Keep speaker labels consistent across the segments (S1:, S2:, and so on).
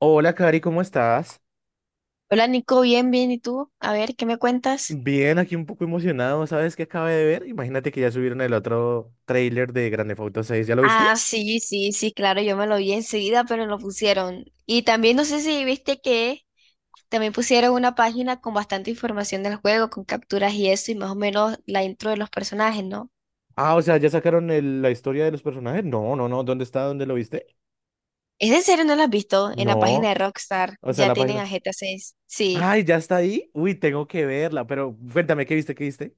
S1: Hola, Cari, ¿cómo estás?
S2: Hola Nico, bien, bien, ¿y tú? A ver, ¿qué me cuentas?
S1: Bien, aquí un poco emocionado. ¿Sabes qué acabé de ver? Imagínate que ya subieron el otro tráiler de Grand Theft Auto 6. ¿Ya lo viste?
S2: Ah, sí, sí, sí, claro, yo me lo vi enseguida, pero lo pusieron. Y también no sé si viste que también pusieron una página con bastante información del juego, con capturas y eso, y más o menos la intro de los personajes, ¿no?
S1: Ah, o sea, ¿ya sacaron la historia de los personajes? No, no, no. ¿Dónde está? ¿Dónde lo viste?
S2: ¿Es en serio no la has visto? En la página
S1: No.
S2: de Rockstar
S1: O sea,
S2: ya
S1: la
S2: tienen
S1: página.
S2: a GTA 6. Sí.
S1: Ay, ¿ya está ahí? Uy, tengo que verla, pero cuéntame, ¿qué viste? ¿Qué viste?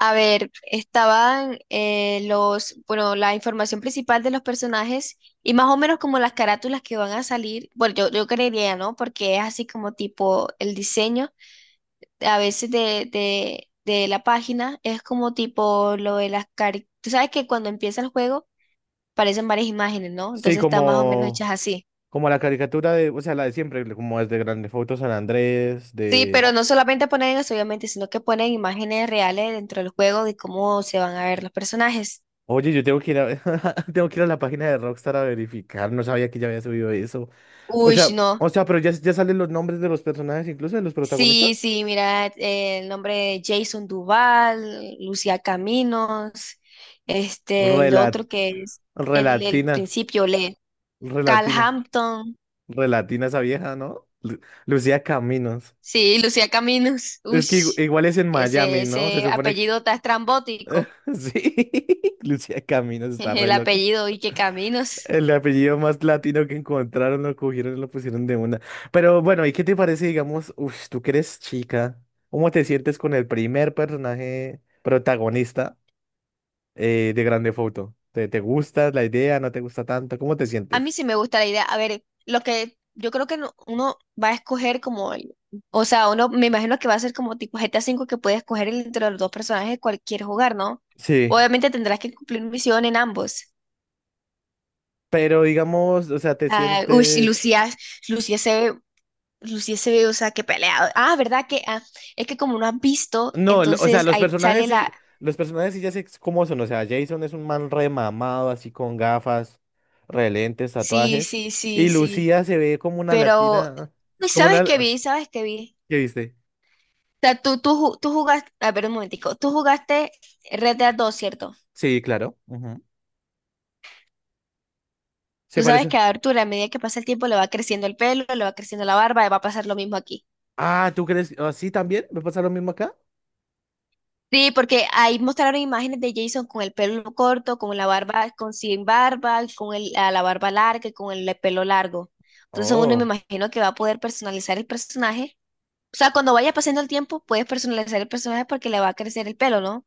S2: A ver, estaban bueno, la información principal de los personajes y más o menos como las carátulas que van a salir. Bueno, yo creería, ¿no? Porque es así como tipo el diseño a veces de la página es como tipo lo de las caricaturas. Tú sabes que cuando empieza el juego aparecen varias imágenes, ¿no?
S1: Sí,
S2: Entonces están más o menos hechas
S1: como,
S2: así.
S1: como la caricatura de, o sea, la de siempre, como es de Grand Theft Auto San Andrés,
S2: Sí,
S1: de...
S2: pero no solamente ponen eso, obviamente, sino que ponen imágenes reales dentro del juego de cómo se van a ver los personajes.
S1: Oye, yo tengo que ir a, tengo que ir a la página de Rockstar a verificar. No sabía que ya había subido eso. O
S2: Uy,
S1: sea,
S2: no.
S1: o sea, pero ya salen los nombres de los personajes, incluso de los
S2: Sí,
S1: protagonistas.
S2: sí, mira, el nombre de Jason Duval, Lucía Caminos, este, el
S1: Rela-
S2: otro que es el, el
S1: relatina,
S2: principio, le, Cal
S1: relatina,
S2: Hampton,
S1: relatina esa vieja, ¿no? Lucía Caminos.
S2: sí, Lucía Caminos,
S1: Es que
S2: ush,
S1: igual es en
S2: ese,
S1: Miami, ¿no? Se
S2: ese
S1: supone que...
S2: apellido está estrambótico,
S1: Sí, Lucía Caminos está
S2: el
S1: re loco.
S2: apellido y que Caminos.
S1: El apellido más latino que encontraron, lo cogieron y lo pusieron de una. Pero bueno, ¿y qué te parece, digamos, uff, tú que eres chica, cómo te sientes con el primer personaje protagonista de Grande Foto? ¿Te gusta la idea? ¿No te gusta tanto? ¿Cómo te
S2: A
S1: sientes?
S2: mí sí me gusta la idea. A ver, lo que yo creo que uno va a escoger o sea, uno me imagino que va a ser como tipo GTA 5 que puede escoger entre los dos personajes cualquier jugar, ¿no?
S1: Sí,
S2: Obviamente tendrás que cumplir misión en ambos.
S1: pero digamos, o sea, te
S2: Ah, uy, sí,
S1: sientes...
S2: Lucía se ve, Lucía se ve, o sea, que pelea. Ah, ¿verdad? Es que como no has visto,
S1: No, o sea,
S2: entonces
S1: los
S2: ahí
S1: personajes
S2: sale la.
S1: sí, los personajes sí ya sé cómo son. O sea, Jason es un man remamado, así con gafas, relentes,
S2: Sí,
S1: tatuajes.
S2: sí, sí,
S1: Y
S2: sí.
S1: Lucía se ve como una
S2: Pero,
S1: latina,
S2: uy,
S1: como una...
S2: ¿Sabes qué vi?
S1: ¿Qué viste?
S2: Sea, tú jugaste, a ver un momentico, tú jugaste Red Dead 2, ¿cierto?
S1: Sí, claro. Ujú.
S2: Tú
S1: Se
S2: sabes
S1: parece.
S2: que a Arturo, a medida que pasa el tiempo, le va creciendo el pelo, le va creciendo la barba, y va a pasar lo mismo aquí.
S1: Ah, ¿tú crees? ¿Ah, sí, también? ¿Me pasa lo mismo acá?
S2: Sí, porque ahí mostraron imágenes de Jason con el pelo corto, con la barba, con sin barba, a la barba larga y con el pelo largo. Entonces uno me
S1: Oh.
S2: imagino que va a poder personalizar el personaje. O sea, cuando vaya pasando el tiempo, puedes personalizar el personaje porque le va a crecer el pelo, ¿no?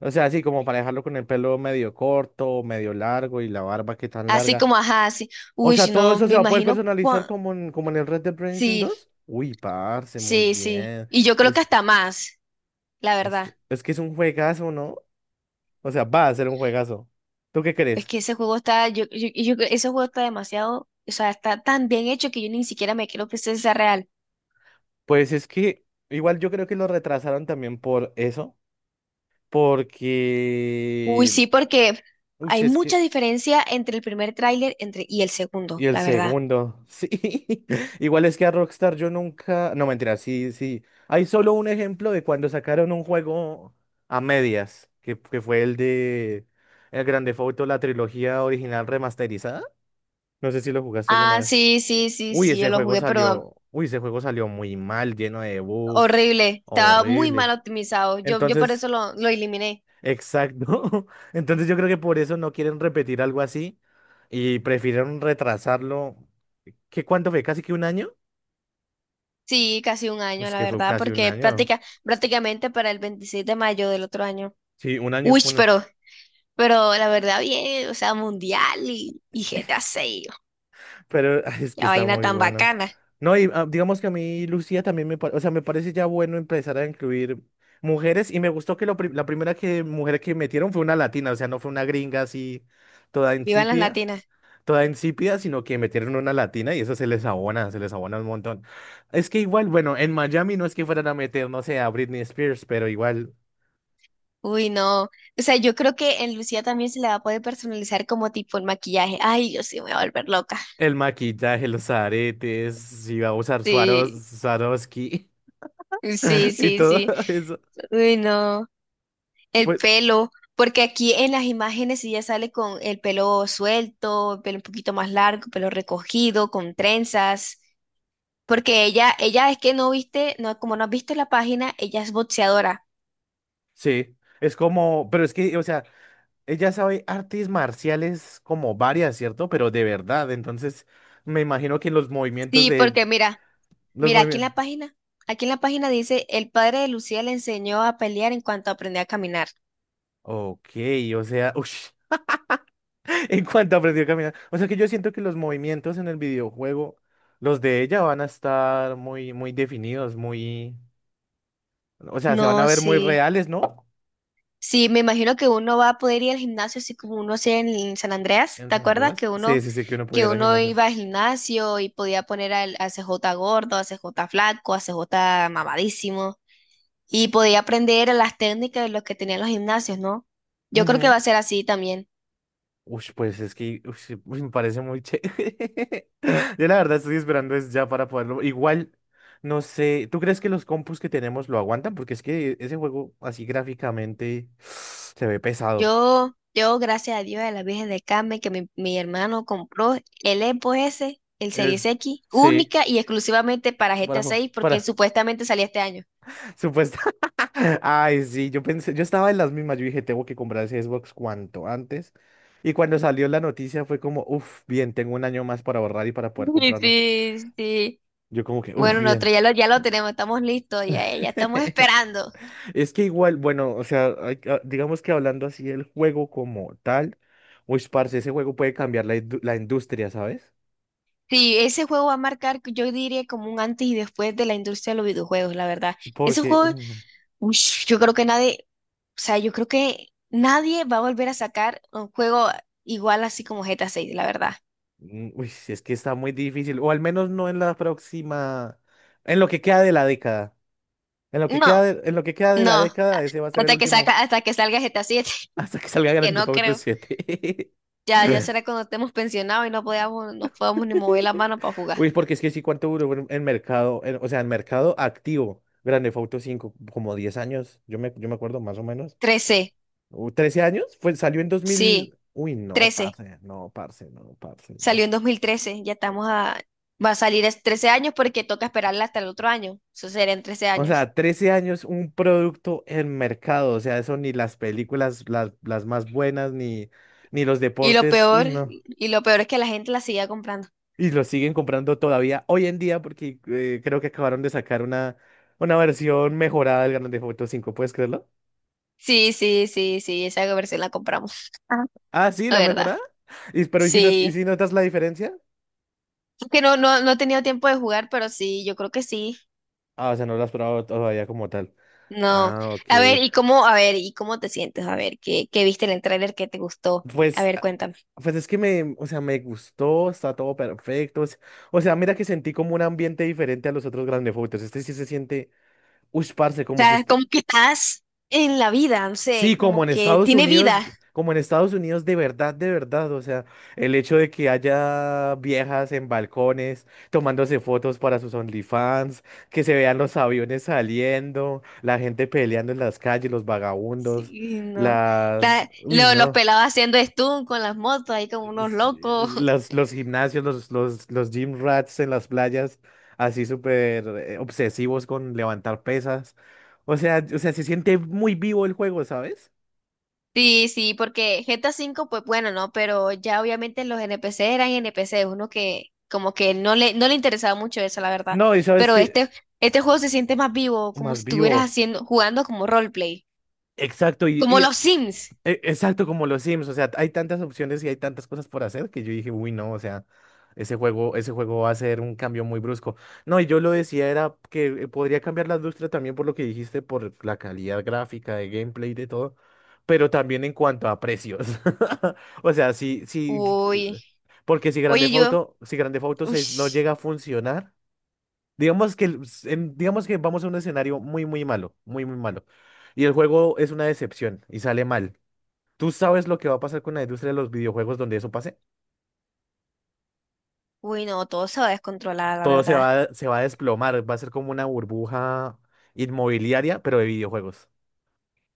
S1: O sea, sí, como para dejarlo con el pelo medio corto, medio largo y la barba que tan
S2: Así
S1: larga.
S2: como, ajá, así.
S1: O
S2: Uy, si
S1: sea, todo
S2: no,
S1: eso
S2: me
S1: se va a poder
S2: imagino.
S1: personalizar como en el Red Dead Redemption
S2: Sí.
S1: 2. Uy, parce, muy
S2: Sí, sí.
S1: bien.
S2: Y yo creo que hasta más, la
S1: Es
S2: verdad.
S1: que, es que es un juegazo, ¿no? O sea, va a ser un juegazo. ¿Tú qué
S2: Es
S1: crees?
S2: que ese juego está, yo- Ese juego está demasiado, o sea, está tan bien hecho que yo ni siquiera me creo que ese sea real.
S1: Pues es que igual yo creo que lo retrasaron también por eso,
S2: Uy,
S1: porque...
S2: sí, porque
S1: Uy,
S2: hay
S1: es
S2: mucha
S1: que...
S2: diferencia entre el primer tráiler y el
S1: Y
S2: segundo,
S1: el
S2: la verdad.
S1: segundo, sí. Igual es que a Rockstar yo nunca... No, mentira, sí, sí. Hay solo un ejemplo de cuando sacaron un juego a medias, que fue el de... El Grande Theft Auto, la trilogía original remasterizada. No sé si lo jugaste alguna
S2: Ah,
S1: vez.
S2: sí, sí, sí,
S1: Uy,
S2: sí, yo lo jugué, pero
S1: ese juego salió muy mal, lleno de bugs,
S2: horrible. Estaba muy mal
S1: horrible.
S2: optimizado. Yo por
S1: Entonces,
S2: eso lo eliminé.
S1: exacto. Entonces yo creo que por eso no quieren repetir algo así y prefirieron retrasarlo. ¿Qué cuánto fue? ¿Casi que un año?
S2: Sí, casi un año,
S1: Pues
S2: la
S1: que fue
S2: verdad,
S1: casi un
S2: porque
S1: año.
S2: prácticamente para el 26 de mayo del otro año.
S1: Sí, un año,
S2: Uy,
S1: un año.
S2: pero la verdad, bien, o sea, mundial y GTA 6,
S1: Pero ay, es que
S2: la
S1: está
S2: vaina
S1: muy
S2: tan
S1: bueno.
S2: bacana.
S1: No, y digamos que a mí Lucía también me parece, o sea, me parece ya bueno empezar a incluir mujeres y me gustó que la primera que, mujer que metieron fue una latina, o sea, no fue una gringa así toda
S2: Vivan las
S1: insípida,
S2: latinas.
S1: toda insípida, sino que metieron una latina y eso se les abona un montón. Es que igual, bueno, en Miami no es que fueran a meter, no sé, a Britney Spears, pero igual
S2: Uy, no. O sea, yo creo que en Lucía también se le va a poder personalizar como tipo el maquillaje. Ay, yo sí me voy a volver loca.
S1: el maquillaje, los aretes, si va a usar
S2: Sí,
S1: Swarovski
S2: sí,
S1: y
S2: sí,
S1: todo
S2: sí.
S1: eso.
S2: Uy, no. El
S1: Pues,
S2: pelo, porque aquí en las imágenes ella sale con el pelo suelto, el pelo un poquito más largo, pelo recogido, con trenzas. Porque ella es que no viste, no, como no has visto la página, ella es boxeadora.
S1: sí, es como, pero es que, o sea, ella sabe artes marciales como varias, ¿cierto? Pero de verdad, entonces me imagino que los movimientos
S2: Sí,
S1: de
S2: porque mira,
S1: los
S2: mira,
S1: movimientos.
S2: aquí en la página dice, el padre de Lucía le enseñó a pelear en cuanto aprendió a caminar.
S1: Ok, o sea, ush, en cuanto aprendió a caminar. O sea que yo siento que los movimientos en el videojuego, los de ella van a estar muy, muy definidos, muy, o sea, se van a
S2: No,
S1: ver muy
S2: sí.
S1: reales, ¿no?
S2: Sí, me imagino que uno va a poder ir al gimnasio así como uno hacía en San Andreas.
S1: En
S2: ¿Te
S1: San
S2: acuerdas
S1: Andreas.
S2: que
S1: Sí, sí, sí, que uno
S2: que
S1: pudiera ir al
S2: uno
S1: gimnasio.
S2: iba al gimnasio y podía poner al CJ gordo, al CJ flaco, al CJ mamadísimo? Y podía aprender las técnicas de los que tenían los gimnasios, ¿no? Yo creo que
S1: Ujú.
S2: va a ser así también.
S1: Uy, pues es que ush, uy, me parece muy chévere. Yo la verdad estoy esperando es ya para poderlo. Igual, no sé, ¿tú crees que los compus que tenemos lo aguantan? Porque es que ese juego así gráficamente se ve pesado.
S2: Gracias a Dios, a la Virgen de Carmen, que mi hermano compró el
S1: Es-
S2: Series X,
S1: Sí,
S2: única y exclusivamente para
S1: para,
S2: GTA 6, porque
S1: para,
S2: supuestamente salía este año.
S1: supuesto. Ay, sí, yo pensé, yo estaba en las mismas, yo dije, tengo que comprar ese Xbox cuanto antes. Y cuando salió la noticia fue como, uff, bien, tengo un año más para ahorrar y para poder comprarlo.
S2: Sí, sí.
S1: Yo como que, uff,
S2: Bueno,
S1: bien.
S2: nosotros ya lo tenemos, estamos listos, ya estamos esperando.
S1: Es que igual, bueno, o sea, hay digamos que hablando así del juego como tal, uy, parce, ese juego puede cambiar la industria, ¿sabes?
S2: Sí, ese juego va a marcar, yo diría, como un antes y después de la industria de los videojuegos, la verdad. Ese
S1: Porque,
S2: juego,
S1: uy, no,
S2: ush, yo creo que nadie va a volver a sacar un juego igual así como GTA 6, la verdad.
S1: uy, sí, es que está muy difícil, o al menos no en la próxima, en lo que queda de la década. En lo que
S2: No,
S1: queda de, en lo que queda de la
S2: no,
S1: década, ese va a ser el último.
S2: hasta que salga GTA 7,
S1: Hasta que salga
S2: que
S1: Grand Theft
S2: no
S1: Auto
S2: creo.
S1: 7.
S2: Ya, ya será cuando estemos pensionados y no podamos ni mover la mano para jugar.
S1: Uy, porque es que sí, ¿cuánto duró en mercado? O sea, en mercado activo, Grand Theft Auto 5 como 10 años, yo me acuerdo más o menos.
S2: 13,
S1: ¿13 años? Fue, salió en dos
S2: sí,
S1: mil Uy, no,
S2: 13.
S1: parce, no, parce, no, parce, no.
S2: Salió en 2013. Ya estamos a... Va a salir es 13 años porque toca esperarla hasta el otro año. Eso será en 13
S1: O
S2: años.
S1: sea, 13 años un producto en mercado. O sea, eso ni las películas, las más buenas, ni los
S2: Y lo
S1: deportes. Uy,
S2: peor,
S1: no.
S2: y lo peor es que la gente la sigue comprando.
S1: Y lo siguen comprando todavía hoy en día porque creo que acabaron de sacar una versión mejorada del Grand Theft Auto 5. ¿Puedes creerlo?
S2: Sí, sí, sí, sí, esa versión la compramos. Ajá.
S1: Ah, sí,
S2: La
S1: la
S2: verdad.
S1: mejorada. Y, pero ¿y si, no, y
S2: Sí.
S1: si notas la diferencia?
S2: Es que no he tenido tiempo de jugar, pero sí, yo creo que sí.
S1: Ah, o sea, no lo has probado todavía como tal.
S2: No.
S1: Ah, ok.
S2: A ver, ¿y cómo te sientes? A ver, ¿qué viste en el tráiler que te gustó? A
S1: Pues
S2: ver, cuéntame. O
S1: Pues es que o sea, me gustó, está todo perfecto. O sea, mira que sentí como un ambiente diferente a los otros Grand Theft Autos. Este sí se siente, uy, parce, como si
S2: sea, como que estás en la vida, no
S1: sí,
S2: sé,
S1: como
S2: como
S1: en
S2: que
S1: Estados
S2: tiene
S1: Unidos,
S2: vida.
S1: como en Estados Unidos de verdad, de verdad. O sea, el hecho de que haya viejas en balcones tomándose fotos para sus OnlyFans, que se vean los aviones saliendo, la gente peleando en las calles, los vagabundos,
S2: Sí, no.
S1: las, uy,
S2: Los
S1: no.
S2: pelados haciendo stunt con las motos, ahí como unos
S1: Sí,
S2: locos.
S1: los gimnasios, los gym rats en las playas, así súper obsesivos con levantar pesas. O sea, se siente muy vivo el juego, ¿sabes?
S2: Sí, sí, porque GTA 5 pues bueno, ¿no? Pero ya obviamente los NPC eran NPC, uno que como que no le interesaba mucho eso, la verdad.
S1: No, y sabes
S2: Pero
S1: que
S2: este juego se siente más vivo, como si
S1: más
S2: estuvieras
S1: vivo.
S2: jugando como roleplay.
S1: Exacto,
S2: Como los Sims.
S1: Exacto, como los Sims, o sea, hay tantas opciones y hay tantas cosas por hacer que yo dije, uy, no, o sea, ese juego va a ser un cambio muy brusco. No, y yo lo decía era que podría cambiar la industria también por lo que dijiste, por la calidad gráfica, de gameplay, y de todo, pero también en cuanto a precios. O sea, sí, sí,
S2: Uy.
S1: porque si Grande
S2: Oye, yo.
S1: Auto, si Grande Auto
S2: Uy.
S1: 6 no llega a funcionar, digamos que, el- s- en- digamos que vamos a un escenario muy, muy malo, y el juego es una decepción y sale mal. ¿Tú sabes lo que va a pasar con la industria de los videojuegos donde eso pase?
S2: Uy, no, todo se va a descontrolar, la
S1: Todo
S2: verdad.
S1: se va a desplomar, va a ser como una burbuja inmobiliaria, pero de videojuegos.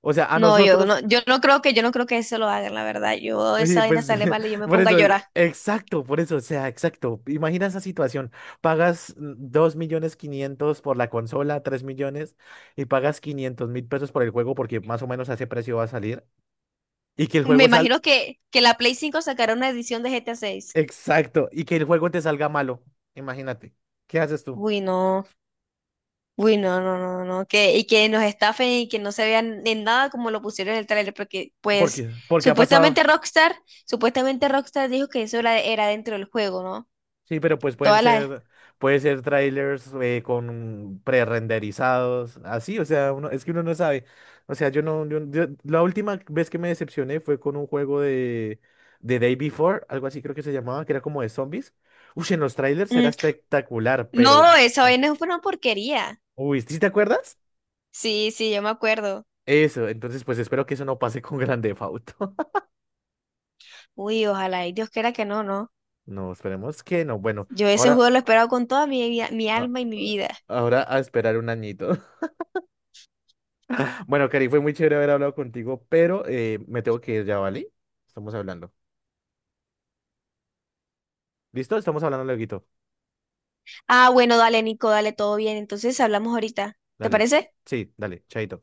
S1: O sea, a
S2: No,
S1: nosotros,
S2: yo no creo que eso lo hagan, la verdad. Yo esa
S1: y
S2: vaina
S1: pues
S2: sale mal y yo me
S1: por
S2: pongo a
S1: eso,
S2: llorar.
S1: exacto, por eso, o sea, exacto. Imagina esa situación, pagas 2 millones 500 por la consola, 3 millones, y pagas 500.000 pesos por el juego porque más o menos a ese precio va a salir, y que el
S2: Me
S1: juego sal,
S2: imagino que la Play 5 sacará una edición de GTA 6.
S1: exacto, y que el juego te salga malo, imagínate. ¿Qué haces tú?
S2: Uy, no. Uy, no, no, no, no. Y que nos estafen y que no se vean en nada como lo pusieron en el trailer, porque
S1: ¿Por
S2: pues
S1: qué? ¿Por qué ha
S2: supuestamente
S1: pasado?
S2: Rockstar, supuestamente Rockstar dijo que eso era dentro del juego, ¿no?
S1: Sí, pero pues
S2: Todas las,
S1: puede ser trailers con prerenderizados, así, o sea, uno, es que uno no sabe. O sea, yo no, la última vez que me decepcioné fue con un juego de Day Before, algo así creo que se llamaba, que era como de zombies. Uy, en los trailers era espectacular, pero,
S2: No, esa vaina fue una porquería.
S1: uy, ¿sí te acuerdas?
S2: Sí, sí, yo me acuerdo.
S1: Eso, entonces pues espero que eso no pase con Grand Theft Auto.
S2: Uy, ojalá, y Dios quiera que no, ¿no?
S1: No, esperemos que no. Bueno,
S2: Yo ese
S1: ahora,
S2: juego lo he esperado con toda mi
S1: a-
S2: alma y mi vida.
S1: ahora a esperar un añito. Bueno, Cari, fue muy chévere haber hablado contigo, pero me tengo que ir ya, ¿vale? Estamos hablando. ¿Listo? Estamos hablando lueguito.
S2: Ah, bueno, dale, Nico, dale, todo bien. Entonces hablamos ahorita. ¿Te
S1: Dale,
S2: parece?
S1: sí, dale, chaito.